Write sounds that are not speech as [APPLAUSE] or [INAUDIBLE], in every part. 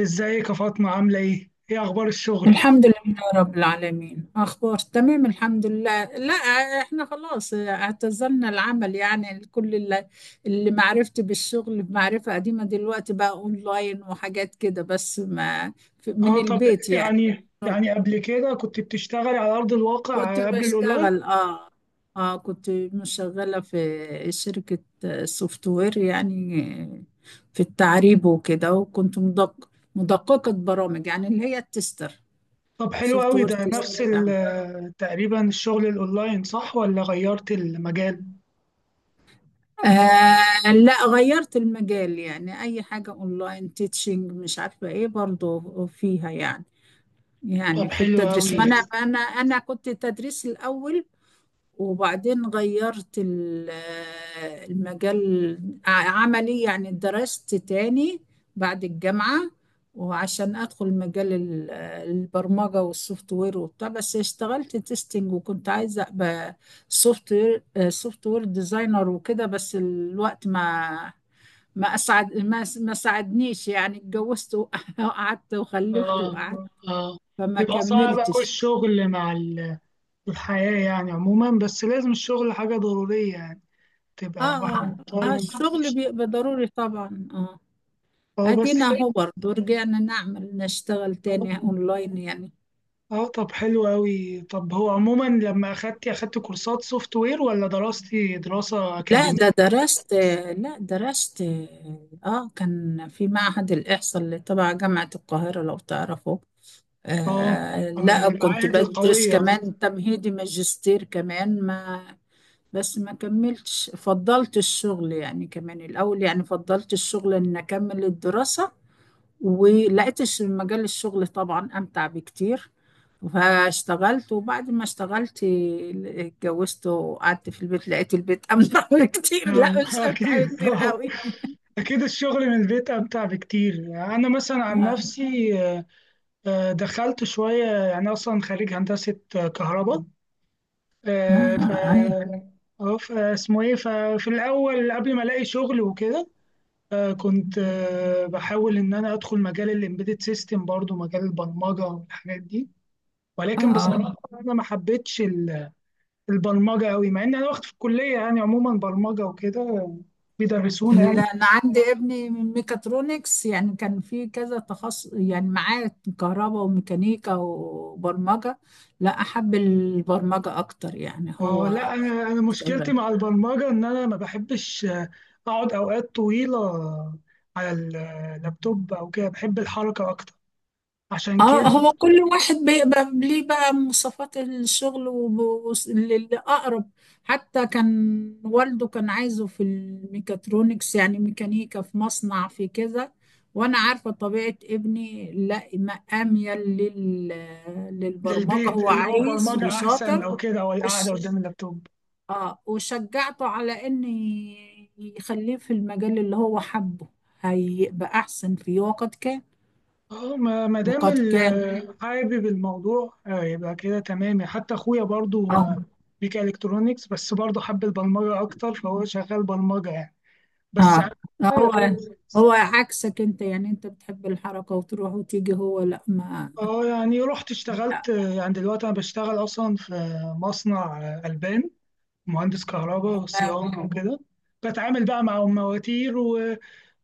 ازيك يا فاطمة عاملة ايه؟ ايه اخبار الشغل؟ الحمد لله رب العالمين، أخبار تمام، الحمد لله. لا، إحنا خلاص اعتزلنا العمل، يعني كل اللي معرفتي بالشغل بمعرفة قديمة، دلوقتي بقى أونلاين وحاجات كده، بس ما من اه طب البيت يعني. يعني قبل كده كنت بتشتغلي على ارض كنت الواقع قبل الاونلاين؟ بشتغل، آه. كنت مشغلة في شركة سوفت وير، يعني في التعريب وكده، وكنت مدققة برامج، يعني اللي هي التستر، طب حلو سوفت قوي وير ده تيستر. نفس تقريبا الشغل الاونلاين صح ولا غيرت المجال؟ آه، لا، غيرت المجال، يعني أي حاجة أونلاين تيتشنج، مش عارفة إيه برضو فيها يعني. طب في حلو التدريس، ما قوي. أنا كنت تدريس الأول. وبعدين غيرت المجال عملي، يعني درست تاني بعد الجامعة، وعشان أدخل مجال البرمجة والسوفت وير وبتاع. بس اشتغلت تيستنج، وكنت عايزة أبقى سوفت وير سوفت وير ديزاينر وكده، بس الوقت ما ما أسعد ما ما ساعدنيش يعني. اتجوزت وقعدت [LAUGHS] وخلفت اه وقعدت، اه فما بيبقى صعب قوي كملتش. الشغل مع الحياة يعني عموما، بس لازم الشغل حاجة ضرورية يعني، اه، تبقى الواحد اه، مضطر آه، انه الشغل يشتغل. بيبقى ضروري طبعا، اه. اه ادينا بس. اهو برضه، رجعنا نشتغل تاني اونلاين يعني. اه طب حلو أوي، طب هو عموما لما أخدت كورسات سوفت وير ولا دراستي دراسة لا، أكاديمية؟ ده درست لا درست. اه، كان في معهد الاحصاء اللي تبع جامعة القاهرة لو تعرفه. اه، آه، من لا، كنت المعاهد بدرس القوية. كمان تمهيدي ماجستير كمان ما بس ما كملتش، فضلت الشغل يعني كمان الاول، يعني فضلت الشغل ان اكمل الدراسة، ولقيتش مجال الشغل طبعا امتع بكتير. فاشتغلت، وبعد ما اشتغلت اتجوزت وقعدت في البيت، لقيت البيت امتع بكتير [LAUGHS] آه، لا، [LAUGHS] مش امتع أكيد بكتير آه. قوي [LAUGHS] أكيد الشغل من البيت أمتع بكتير، أنا مثلا عن اه، نفسي دخلت شوية، يعني أصلا خريج هندسة كهرباء، آه، ف اه. اه فاسمه ايه ففي الاول قبل ما الاقي شغل وكده كنت بحاول إن أنا أدخل مجال الإمبيدد سيستم، برضو مجال البرمجة والحاجات دي. ولكن آه. بصراحة أنا ما حبيتش البرمجة أوي، مع إن أنا واخد في الكلية يعني عموما برمجة وكده، بيدرسونا يعني. لا، انا عندي ابني من ميكاترونكس، يعني كان في كذا تخصص يعني معاه، كهرباء وميكانيكا وبرمجة. لا، احب البرمجة اكتر يعني، اه هو لا، أنا مشكلتي شغال. مع البرمجة إن أنا ما بحبش أقعد أوقات طويلة على اللابتوب أو كده، بحب الحركة أكتر عشان اه، كده. هو كل واحد بيبقى ليه بقى مواصفات الشغل والأقرب. حتى كان والده كان عايزه في الميكاترونكس، يعني ميكانيكا في مصنع في كذا، وانا عارفة طبيعة ابني، لا ما اميل للبرمجة، للبيت هو اللي هو عايز برمجة أحسن وشاطر. أو كده، أو القعدة وش... قدام اللابتوب. اه وشجعته على ان يخليه في المجال اللي هو حبه، هيبقى احسن فيه. وقد كان اه، ما ما دام وقد كان حابب الموضوع يبقى كده تمام. حتى اخويا برضو اه، ميكا الكترونيكس، بس برضو حب البرمجه اكتر فهو شغال برمجه يعني. بس اه، عن- هو هو [LAUGHS] عكسك انت، يعني انت بتحب الحركة وتروح وتيجي، هو لا ما اه يعني رحت لا، اشتغلت، يعني دلوقتي انا بشتغل اصلا في مصنع البان، مهندس كهرباء وصيانه وكده، بتعامل بقى مع المواتير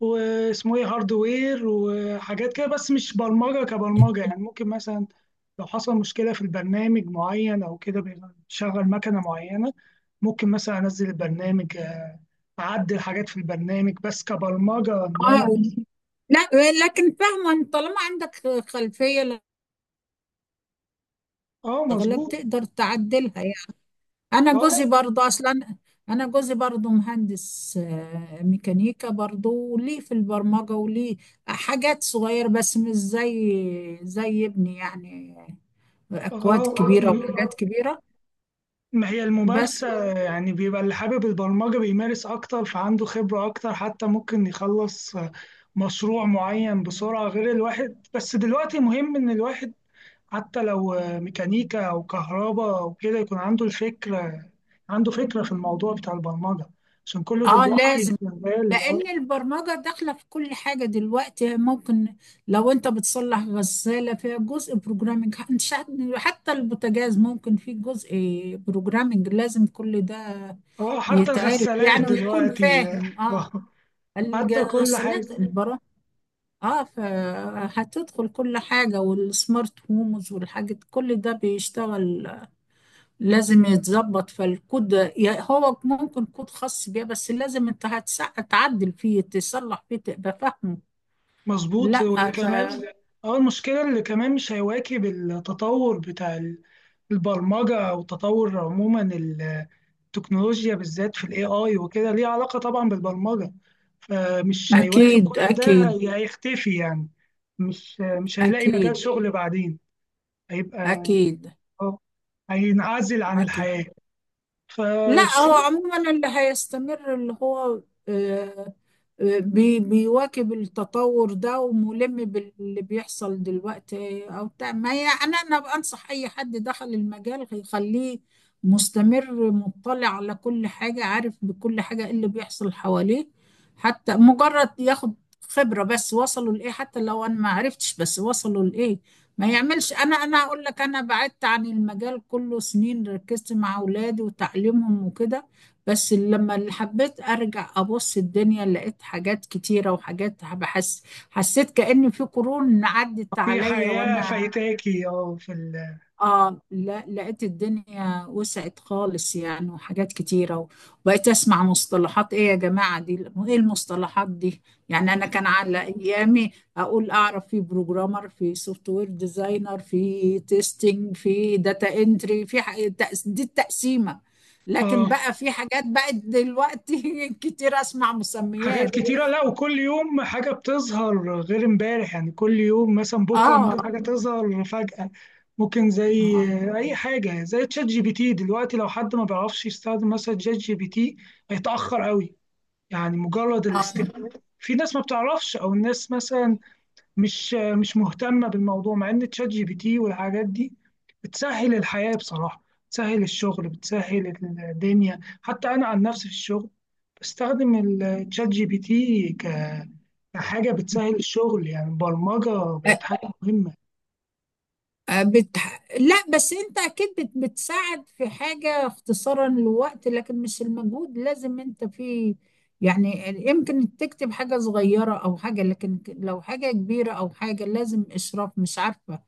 واسمه ايه هاردوير وحاجات كده، بس مش برمجة كبرمجة يعني. ممكن مثلا لو حصل مشكلة في البرنامج معين أو كده بيشغل مكنة معينة، ممكن مثلا أنزل البرنامج، أعدل حاجات في البرنامج، بس كبرمجة إن أنا. اه، لا، لكن فاهمة ان طالما عندك خلفية، اه الاغلب مظبوط. تقدر تعدلها يعني. انا اه لا، جوزي برضو اصلا، انا جوزي برضو مهندس ميكانيكا برضو، وليه في البرمجة وليه حاجات صغيرة، بس مش زي ابني يعني، اكواد كبيرة وحاجات اه كبيرة. ما هي بس الممارسة يعني، بيبقى اللي حابب البرمجة بيمارس أكتر فعنده خبرة أكتر، حتى ممكن يخلص مشروع معين بسرعة غير الواحد. بس دلوقتي مهم إن الواحد حتى لو ميكانيكا أو كهرباء أو كده يكون عنده الفكرة، عنده فكرة في الموضوع بتاع البرمجة، عشان كله اه دلوقتي لازم، شغال. اه، لأن البرمجة داخلة في كل حاجة دلوقتي. ممكن لو أنت بتصلح غسالة فيها جزء بروجرامنج، حتى البوتاجاز ممكن فيه جزء بروجرامنج، لازم كل ده حتى يتعرف الغسالات يعني، ويكون دلوقتي فاهم آه، حتى كل حاجة. الغسالات البرامج. اه فهتدخل كل حاجة، والسمارت هومز والحاجات كل ده بيشتغل لازم يتظبط فالكود، هو ممكن كود خاص بيه، بس لازم انت تعدل فيه تصلح فيه تبقى فاهمه. مظبوط، لا. واللي ف... كمان، اه المشكلة اللي كمان مش هيواكب التطور بتاع البرمجة، أو تطور عموما التكنولوجيا، بالذات في ال AI وكده ليه علاقة طبعا بالبرمجة، فمش هيواكب أكيد، كل ده أكيد، هيختفي يعني. مش هيلاقي مجال أكيد، شغل بعدين، هيبقى، أكيد، اه، هينعزل عن أكيد. الحياة. لا، هو فالشغل عموما اللي هيستمر اللي هو آه، بيواكب التطور ده، وملم باللي بيحصل دلوقتي أو بتاع. ما هي أنا بنصح أي حد دخل المجال يخليه مستمر مطلع على كل حاجة، عارف بكل حاجة إيه اللي بيحصل حواليه، حتى مجرد ياخد خبرة بس وصلوا لإيه، حتى لو أنا ما عرفتش بس وصلوا لإيه ما يعملش. انا اقول لك انا بعدت عن المجال كله سنين، ركزت مع اولادي وتعليمهم وكده. بس لما اللي حبيت ارجع ابص الدنيا، لقيت حاجات كتيرة وحاجات بحس، حسيت كأن في قرون عدت في عليا حياة وانا. فايتاكي. اه، في ال، اه، لا، لقيت الدنيا وسعت خالص يعني وحاجات كتيرة، وبقيت اسمع مصطلحات، ايه يا جماعة دي، ايه المصطلحات دي. يعني انا اه، كان على ايامي اقول اعرف في بروجرامر في سوفت وير ديزاينر في تيستنج في داتا انتري دي التقسيمة. لكن آه، بقى في حاجات بقت دلوقتي [LAUGHS] كتير اسمع حاجات مسميات. كتيرة. لا، وكل يوم حاجة بتظهر غير امبارح، يعني كل يوم مثلا بكرة اه، ممكن حاجة تظهر فجأة. ممكن زي اه، أي حاجة زي تشات جي بي تي دلوقتي، لو حد ما بيعرفش يستخدم مثلا تشات جي بي تي هيتأخر قوي، يعني مجرد اه. الاستخدام. في ناس ما بتعرفش، او الناس مثلا مش مهتمه بالموضوع، مع ان تشات جي بي تي والحاجات دي بتسهل الحياه بصراحه، بتسهل الشغل، بتسهل الدنيا. حتى انا عن نفسي في الشغل بستخدم التشات جي بي تي كحاجه بتسهل الشغل يعني، البرمجه بقت حاجه مهمه. آه، بت... لا بس انت اكيد بتساعد في حاجة اختصارا للوقت، لكن مش المجهود. لازم انت في، يعني يمكن تكتب حاجة صغيرة او حاجة، لكن لو حاجة كبيرة او حاجة لازم اشراف، مش عارفة.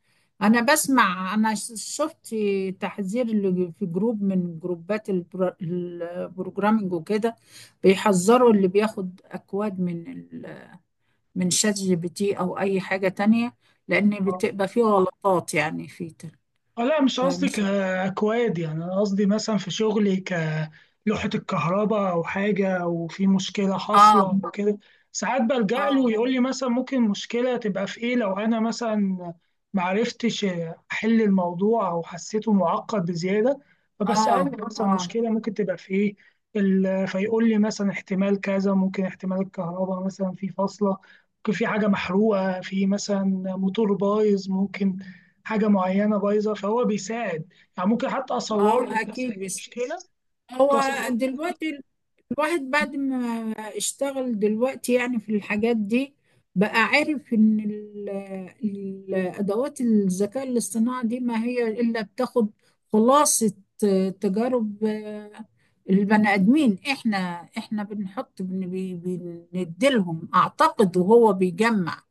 انا شفت تحذير اللي في جروب من جروبات البروجرامينج وكده، بيحذروا اللي بياخد اكواد من شات جي بي تي او اي حاجة تانية، لان بتبقى فيه غلطات يعني اه لا مش قصدي فمش. كأكواد، يعني أنا قصدي مثلا في شغلي كلوحة الكهرباء أو حاجة، أو في مشكلة حاصلة اه، أو كده ساعات بلجأ له، اه، يقول لي مثلا ممكن مشكلة تبقى في إيه. لو أنا مثلا معرفتش أحل الموضوع أو حسيته معقد بزيادة، اه، فبسأله مثلا اه، المشكلة ممكن تبقى في إيه. فيقول لي مثلا احتمال كذا، ممكن احتمال الكهرباء مثلا في فاصلة، ممكن في حاجة محروقة في مثلا موتور بايظ، ممكن حاجه معينه بايظه، فهو بيساعد يعني. ممكن حتى اه، اصور له اكيد، بس مشكله، ممكن هو دلوقتي الواحد بعد ما اشتغل دلوقتي يعني في الحاجات دي، بقى عارف ان الادوات الذكاء الاصطناعي دي ما هي الا بتاخد خلاصة، تجارب، البني ادمين. احنا بنحط بنديلهم اعتقد وهو بيجمع.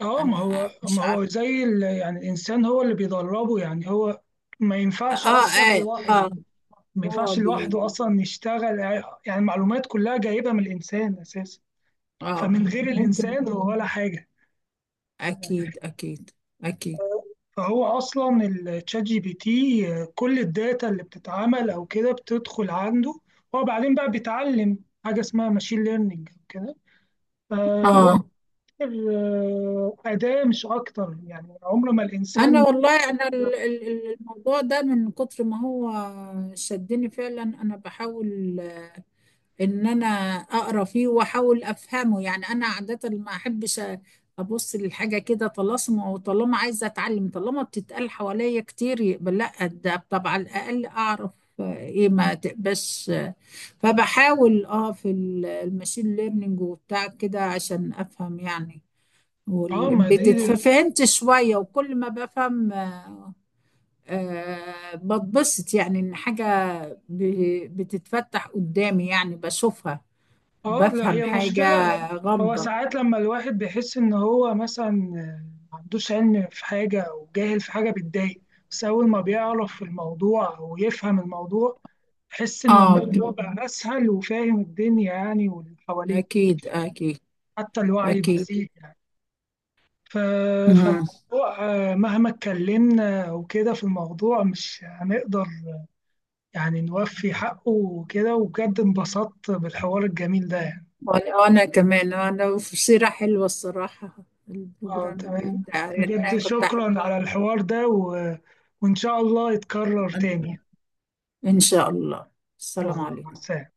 اه ما انا هو مش ما هو عارفه. زي يعني الانسان هو اللي بيدربه يعني، هو ما ينفعش اه، اصلا اه، لوحده، اه. ما هو ينفعش بي لوحده اصلا يشتغل يعني، المعلومات كلها جايبه من الانسان اساسا، اه فمن غير ممكن، الانسان هو ولا حاجه. اكيد، اكيد، اكيد، فهو اصلا التشات جي بي تي، كل الداتا اللي بتتعمل او كده بتدخل عنده، هو بعدين بقى بيتعلم، حاجه اسمها ماشين ليرنينج وكده، فهو اه. أداة مش أكتر يعني، عمر ما انا الإنسان. والله انا ال- ال- ال- الموضوع ده من كتر ما هو شدني فعلا. انا بحاول ان انا اقرا فيه واحاول افهمه يعني. انا عادة ما احبش ابص للحاجة كده طلاسم، طالما عايزة اتعلم طالما بتتقال حواليا كتير يبقى لا، ده طب على الاقل اعرف ايه ما تبقاش. فبحاول في الماشين ليرنينج وبتاع كده عشان افهم يعني، آه، ما والامبيدد، دي، ففهمت شوية. وكل ما بفهم بتبسط، يعني ان حاجة بتتفتح قدامي يعني بشوفها، آه لا بفهم هي حاجة مشكلة. هو غامضة. ساعات لما الواحد بيحس إن هو مثلا ما عندوش علم في حاجة أو جاهل في حاجة بتضايق، بس أول ما بيعرف في الموضوع أو يفهم الموضوع يحس إن اه، الموضوع بقى أسهل، وفاهم الدنيا يعني واللي حواليه، اكيد، اكيد، حتى الوعي اكيد. بيزيد يعني. ف... مم. فالموضوع مهما اتكلمنا وكده في الموضوع مش هنقدر يعني نوفي حقه وكده، وبجد انبسطت بالحوار الجميل ده يعني. وانا كمان في سيرة حلوة الصراحة، اه البروجرامينج تمام، وبتاع يعني انا بجد كنت شكرا على احبها. الحوار ده وإن شاء الله يتكرر تاني ان يعني. إن شاء الله، إن السلام شاء الله، مع عليكم. السلامة.